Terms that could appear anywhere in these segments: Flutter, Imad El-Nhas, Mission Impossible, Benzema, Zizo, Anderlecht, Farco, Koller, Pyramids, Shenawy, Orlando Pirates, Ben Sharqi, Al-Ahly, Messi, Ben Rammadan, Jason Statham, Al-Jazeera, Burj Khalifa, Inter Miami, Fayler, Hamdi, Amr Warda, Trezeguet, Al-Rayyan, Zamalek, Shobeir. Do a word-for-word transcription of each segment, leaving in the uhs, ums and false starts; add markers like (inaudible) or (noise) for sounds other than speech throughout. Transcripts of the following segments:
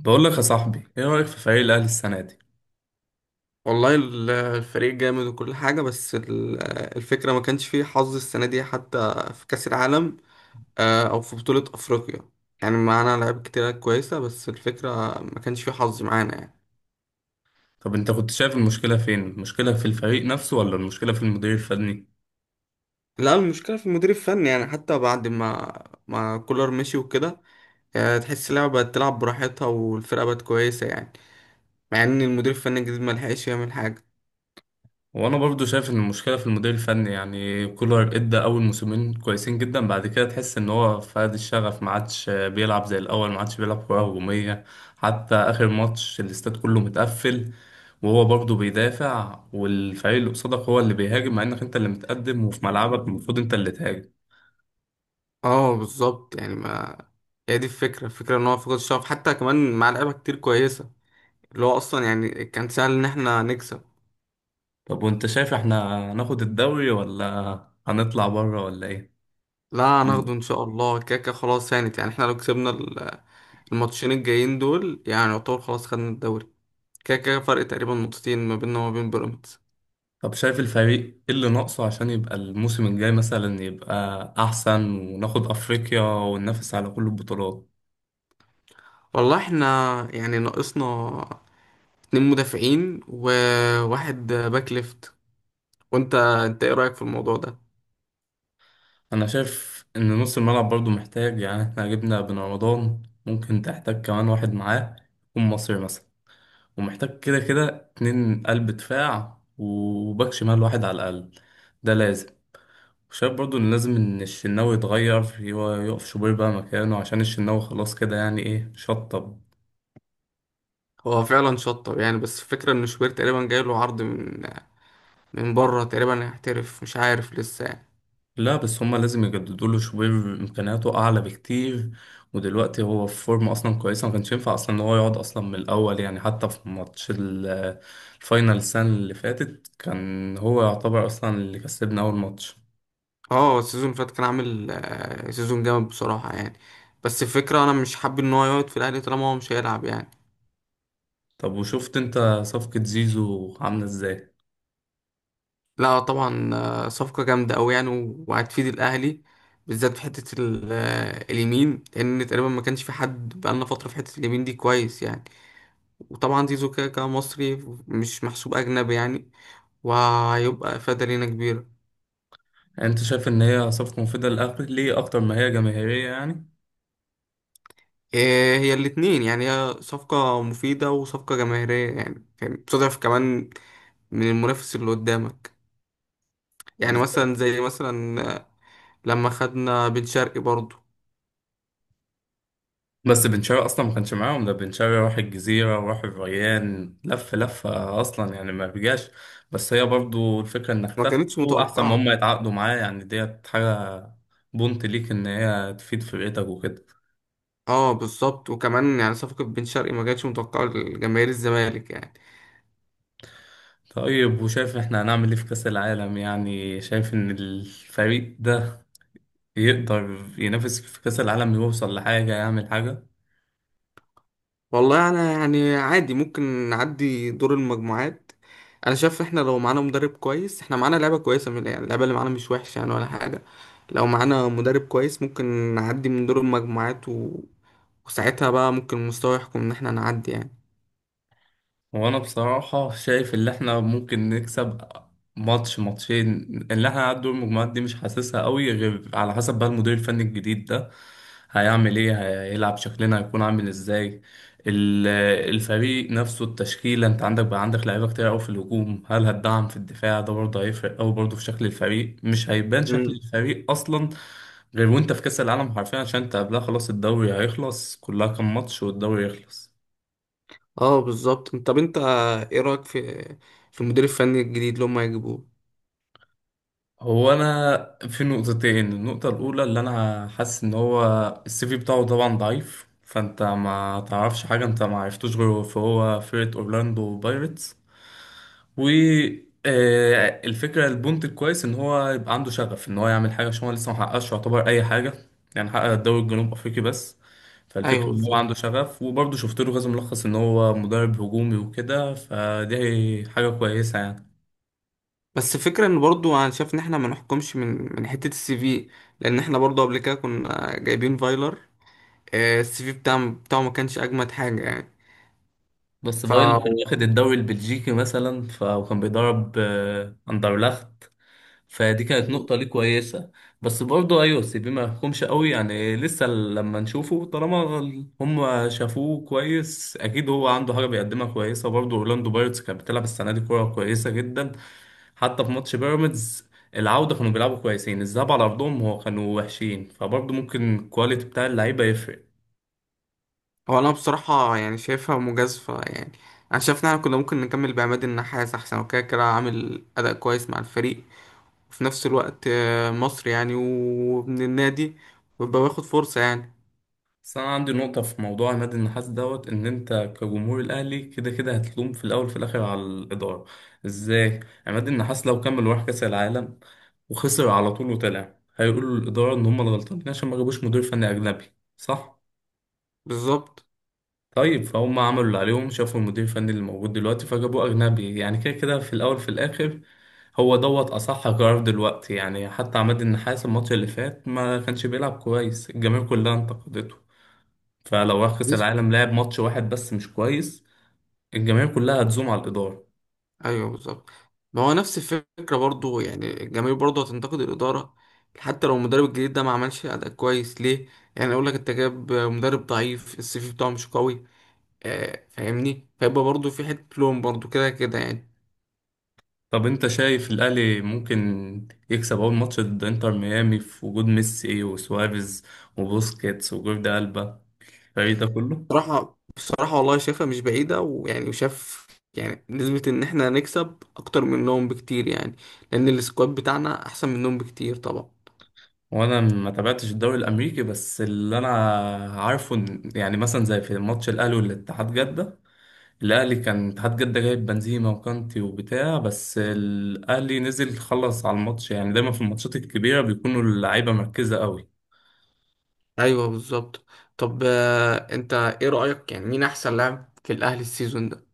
بقول لك يا صاحبي ايه رأيك في فريق الاهلي السنة دي؟ والله ال- الفريق جامد وكل حاجة، بس ال- الفكرة ما كانش فيه حظ السنة دي، حتى في كأس العالم آه، أو في بطولة أفريقيا. يعني معانا لعيبة كتيرة كويسة، بس الفكرة ما كانش فيه حظ معانا يعني. طب انت كنت شايف المشكلة فين، المشكلة في الفريق نفسه ولا المشكلة في المدير الفني؟ لا، المشكلة في المدير الفني، يعني حتى بعد ما ما كولر مشي وكده آه، تحس اللعبة بقت تلعب براحتها والفرقة بقت كويسة يعني، مع إن المدير الفني الجديد ما لحقش يعمل حاجة. وانا برضو شايف ان المشكلة في المدير الفني، يعني كولر ادى اول موسمين كويسين جدا، بعد كده تحس ان هو فقد الشغف، ما عادش بيلعب زي الاول، ما عادش بيلعب كرة هجومية. حتى اخر ماتش الاستاد كله متقفل وهو برضه بيدافع، والفريق اللي قصادك هو اللي بيهاجم، مع انك انت اللي متقدم وفي ملعبك المفروض انت اللي تهاجم. اه بالظبط، يعني ما هي دي الفكرة، الفكرة إن هو فقد الشغف حتى كمان مع لعيبة كتير كويسة، اللي هو اصلا يعني كان سهل ان احنا نكسب. طب وانت شايف احنا هناخد الدوري ولا هنطلع بره ولا ايه؟ لا، هناخده مم. ان شاء الله، كاكا خلاص هانت، يعني احنا لو كسبنا ال- الماتشين الجايين دول، يعني يعتبر خلاص خدنا الدوري. كاكا فرق تقريبا نقطتين ما بيننا وما بين بيراميدز. طب شايف الفريق ايه اللي ناقصه عشان يبقى الموسم الجاي مثلا يبقى احسن وناخد افريقيا وننافس على كل البطولات؟ والله احنا يعني ناقصنا اتنين مدافعين وواحد باك ليفت. وانت انت ايه رأيك في الموضوع ده؟ انا شايف ان نص الملعب برضو محتاج، يعني احنا جبنا بن رمضان ممكن تحتاج كمان واحد معاه يكون مصري مثلا، ومحتاج كده كده اتنين قلب دفاع وباك شمال واحد على الاقل، ده لازم. شايف برضو ان لازم ان الشناوي يتغير، هو يقف شوبير بقى مكانه، عشان الشناوي خلاص كده يعني ايه شطب. هو فعلا شطب يعني، بس الفكرة ان شوبير تقريبا جاي له عرض من من بره، تقريبا هيحترف مش عارف لسه يعني. لا بس هما لازم يجددوا له شوبير، امكانياته اعلى بكتير، ودلوقتي هو في فورم اصلا كويسه، ما كانش ينفع اصلا ان هو يقعد اصلا من الاول، يعني حتى في ماتش ال- الفاينل السنه اللي فاتت كان هو يعتبر اصلا اللي كسبنا اول ماتش. اه، السيزون اللي فات كان عامل آه، سيزون جامد بصراحة يعني، بس الفكرة انا مش حابب ان هو يقعد في الاهلي طالما هو مش هيلعب يعني. طب وشفت انت صفقه زيزو عامله ازاي؟ لا طبعا، آه، صفقة جامدة اوي يعني، و- وهتفيد الاهلي، بالذات في حتة ال- آه، اليمين، لان تقريبا ما كانش في حد بقالنا فترة في حتة اليمين دي كويس يعني. وطبعا زيزو كده كده مصري، مش محسوب اجنبي يعني، وهيبقى افادة لينا كبيرة. يعني انت شايف ان هي صفقه مفيده للاهلي اكتر ما هي جماهيريه يعني؟ إيه، هي الاتنين يعني، هي صفقة مفيدة وصفقة جماهيرية، يعني يعني بتضعف كمان من المنافس اللي قدامك، يعني مثلا بالظبط. زي مثلا لما خدنا بن شرقي برضو، بس بن شرقي اصلا ما كانش معاهم، ده بن شرقي راح الجزيره وراح الريان، لف لفه اصلا يعني، ما رجعش، بس هي برضو الفكره انك ما تاخده كانتش احسن ما هم متوقعة. يتعاقدوا معاه، يعني ديت حاجه بونت ليك ان هي تفيد فرقتك وكده. اه بالظبط، وكمان يعني صفقة بن شرقي ما كانتش متوقعة لجماهير الزمالك يعني. طيب وشايف احنا هنعمل ايه في كاس العالم؟ يعني شايف ان الفريق ده يقدر ينافس في كاس العالم، يوصل لحاجه، يعمل حاجه؟ والله انا يعني عادي، ممكن نعدي دور المجموعات. انا شايف احنا لو معانا مدرب كويس، احنا معانا لعبة كويسة، من يعني اللعبة اللي معانا مش وحشة يعني ولا حاجة. لو معانا مدرب كويس ممكن نعدي من دور المجموعات، و... وساعتها بقى ممكن المستوى يحكم ان احنا نعدي يعني. وانا بصراحة شايف اللي احنا ممكن نكسب ماتش ماتشين، اللي احنا هنعدي دور المجموعات دي مش حاسسها قوي، غير على حسب بقى المدير الفني الجديد ده هيعمل ايه، هيلعب شكلنا هيكون عامل ازاي، ال- الفريق نفسه التشكيلة، انت عندك بقى عندك لعيبة كتير قوي في الهجوم، هل هتدعم في الدفاع؟ ده برضه هيفرق قوي برضه في شكل الفريق، مش هيبان شكل مم. الفريق اصلا غير وانت في كأس العالم حرفيا، عشان انت قبلها خلاص الدوري هيخلص، كلها كام ماتش والدوري يخلص. اه بالظبط، طب انت ايه رأيك في في المدير الفني الجديد اللي هم هيجيبوه؟ هو انا في نقطتين. النقطه الاولى اللي انا حاسس ان هو السي في بتاعه طبعا ضعيف، فانت ما تعرفش حاجه، انت ما عرفتوش غيره، فهو فرقه اورلاندو بايرتس، و آه، الفكره البونت الكويس ان هو يبقى عنده شغف ان هو يعمل حاجه، عشان هو لسه ما حققش يعتبر اي حاجه، يعني حقق الدوري الجنوب افريقي بس، ايوه فالفكره ان هو عنده بالظبط، شغف، وبرضه شفت له كذا ملخص ان هو مدرب هجومي وكده، فدي حاجه كويسه يعني. بس الفكرة ان برضو انا شايف ان احنا ما نحكمش من من حتة السي في، لان احنا برضو قبل كده كنا جايبين فايلر. آه، السي في بتاعه بتاعه ما كانش اجمد حاجة يعني. بس ف فايلر كان واخد الدوري البلجيكي مثلا ف- وكان بيدرب آه، اندرلخت، فدي كانت نقطة ليه كويسة، بس برضه أيوة سيبيه ما يحكمش قوي يعني، لسه لما نشوفه، طالما ال- هم شافوه كويس أكيد هو عنده حاجة بيقدمها كويسة، برضه أورلاندو بايرتس كانت بتلعب السنة دي كورة كويسة جدا، حتى في ماتش بيراميدز العودة كانوا بيلعبوا كويسين، الذهاب على أرضهم هو كانوا وحشين، فبرضه ممكن الكواليتي بتاع اللعيبة يفرق. هو انا بصراحة يعني شايفها مجازفة يعني. انا شايف ان احنا كنا ممكن نكمل بعماد النحاس احسن، وكده كده عامل اداء كويس مع الفريق، وفي نفس الوقت آه، مصري يعني، ومن النادي، ويبقى واخد فرصة يعني. بس انا عندي نقطة في موضوع عماد النحاس دوت، ان انت كجمهور الاهلي كده كده هتلوم في الاول في الاخر على الادارة. ازاي؟ عماد النحاس لو كمل وراح كاس العالم وخسر على طول وطلع، هيقولوا للادارة ان هم الغلطانين عشان ما جابوش مدير فني اجنبي، صح؟ بالظبط. طيب فهم عملوا اللي عليهم، شافوا المدير الفني اللي موجود دلوقتي فجابوه اجنبي، يعني كده كده في الاول في الاخر هو دوت اصح قرار دلوقتي، يعني حتى عماد النحاس الماتش اللي فات ما كانش بيلعب كويس، الجماهير كلها انتقدته، فلو راح كأس العالم لعب ماتش واحد بس مش كويس، الجماهير كلها هتزوم على الإدارة. ايوه بالظبط، ما هو نفس الفكره برضو، يعني الجماهير برضو هتنتقد الاداره حتى لو المدرب الجديد ده ما عملش اداء كويس ليه، يعني اقول لك انت جاب مدرب ضعيف، السي في بتاعه مش قوي، آه فاهمني، فيبقى برضو في حته لوم برضو كده كده يعني. طب أنت شايف الأهلي ممكن يكسب أول ماتش ضد إنتر ميامي في وجود ميسي وسواريز وبوسكيتس وجوردي ألبا، الفريق ده كله؟ بصراحه بصراحه والله شايفها مش بعيده، ويعني وشاف، يعني نسبه ان احنا هنكسب اكتر منهم بكتير يعني، لان السكواد بتاعنا احسن منهم بكتير طبعا. وأنا ما تابعتش الدوري الأمريكي، بس اللي أنا عارفه إن- يعني مثلا زي في ماتش الأهلي والاتحاد جدة، الأهلي كان اتحاد جدة جايب بنزيما وكانتي وبتاع، بس الأهلي نزل خلص على الماتش، يعني دايما في الماتشات الكبيرة بيكونوا اللعيبة مركزة قوي. ايوه بالظبط، طب آه، انت ايه رأيك يعني، مين احسن لاعب في الاهلي السيزون ده؟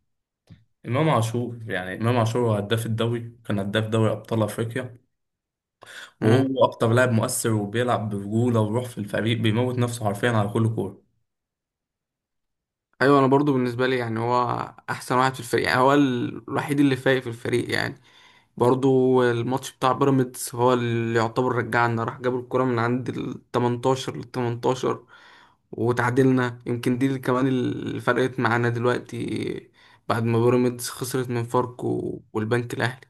امام عاشور، يعني امام عاشور هو هداف الدوري، كان هداف دوري ابطال افريقيا، مم. وهو اكتر لاعب مؤثر، وبيلعب برجوله وروح، في الفريق بيموت نفسه حرفيا على كل كوره. ايوه، انا برضو بالنسبة لي يعني هو احسن واحد في الفريق يعني، هو ال- الوحيد اللي فايق في الفريق يعني. برضو الماتش بتاع بيراميدز هو اللي يعتبر رجعنا، راح جاب الكرة من عند ال تمنتاشر لل تمنتاشر وتعادلنا، يمكن دي اللي كمان اللي فرقت معانا دلوقتي بعد ما بيراميدز خسرت من فاركو والبنك الاهلي.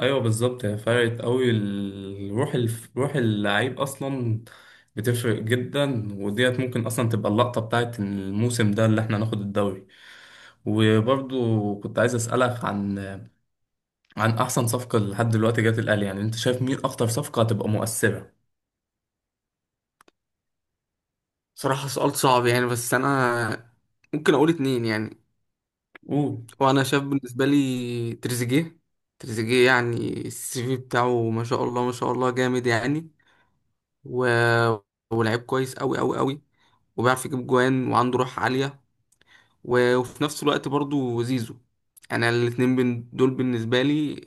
ايوه بالظبط، هي فرقت قوي الروح، الف... روح اللعيب اصلا بتفرق جدا، وديت ممكن اصلا تبقى اللقطه بتاعت الموسم ده اللي احنا ناخد الدوري، وبرضو كنت عايز اسالك عن عن احسن صفقه لحد دلوقتي جت الاهلي، يعني انت شايف مين اكتر صفقه هتبقى مؤثره؟ صراحة سؤال صعب يعني، بس انا ممكن اقول اتنين يعني. قول. وانا شايف بالنسبه لي تريزيجيه. تريزيجيه يعني السي في بتاعه ما شاء الله ما شاء الله جامد يعني، و... ولعيب كويس قوي قوي قوي، وبيعرف يجيب جوان وعنده روح عاليه، و... وفي نفس الوقت برضو زيزو. انا الاتنين بن... دول بالنسبه لي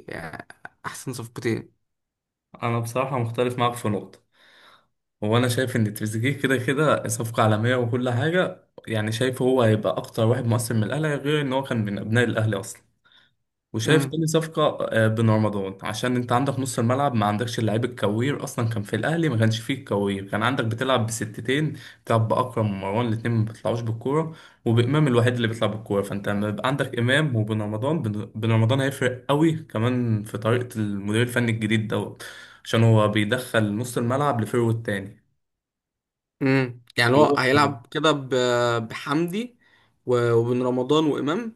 احسن صفقتين. انا بصراحه مختلف معاك في نقطه، هو انا شايف ان تريزيجيه كده كده صفقه عالميه وكل حاجه، يعني شايف هو هيبقى اكتر واحد مؤثر من الاهلي، غير ان هو كان من ابناء الاهلي اصلا، وشايف امم تاني صفقه آه، بن رمضان عشان انت عندك نص الملعب ما عندكش اللعيب الكوير اصلا، كان في الاهلي ما كانش فيه الكوير، كان عندك بتلعب بستتين بتلعب باكرم ومروان الاتنين ما بيطلعوش بالكوره، وبامام الوحيد اللي بيطلع بالكوره، فانت لما يبقى عندك امام وبن رمضان، بن بن رمضان هيفرق قوي كمان في طريقه المدير الفني الجديد دوت، عشان هو بيدخل نص الملعب لفيرو التاني. امم يعني هو هو هيلعب كده ب... بحمدي و... وبن رمضان وامام.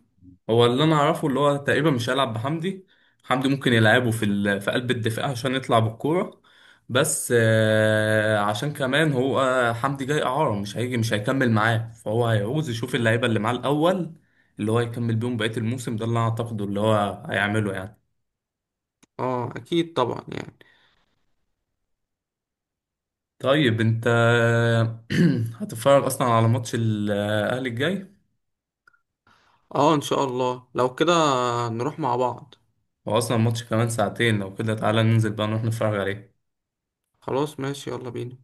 هو اللي انا اعرفه اللي هو تقريبا مش هيلعب بحمدي، حمدي ممكن يلعبه في ال... في قلب الدفاع عشان يطلع بالكوره، بس آه، عشان كمان هو آه، حمدي جاي اعاره مش هيجي مش هيكمل معاه، فهو هيعوز يشوف اللعيبه اللي معاه الاول اللي هو يكمل بيهم بقيه الموسم، ده اللي انا اعتقده اللي هو هيعمله يعني. اه اكيد طبعا يعني. طيب انت (clears throat) هتتفرج اصلا على ماتش الاهلي الجاي؟ اه ان شاء الله، لو كده نروح مع بعض. هو اصلا الماتش كمان ساعتين، لو كده تعالى ننزل بقى نروح نتفرج عليه. خلاص ماشي، يلا بينا.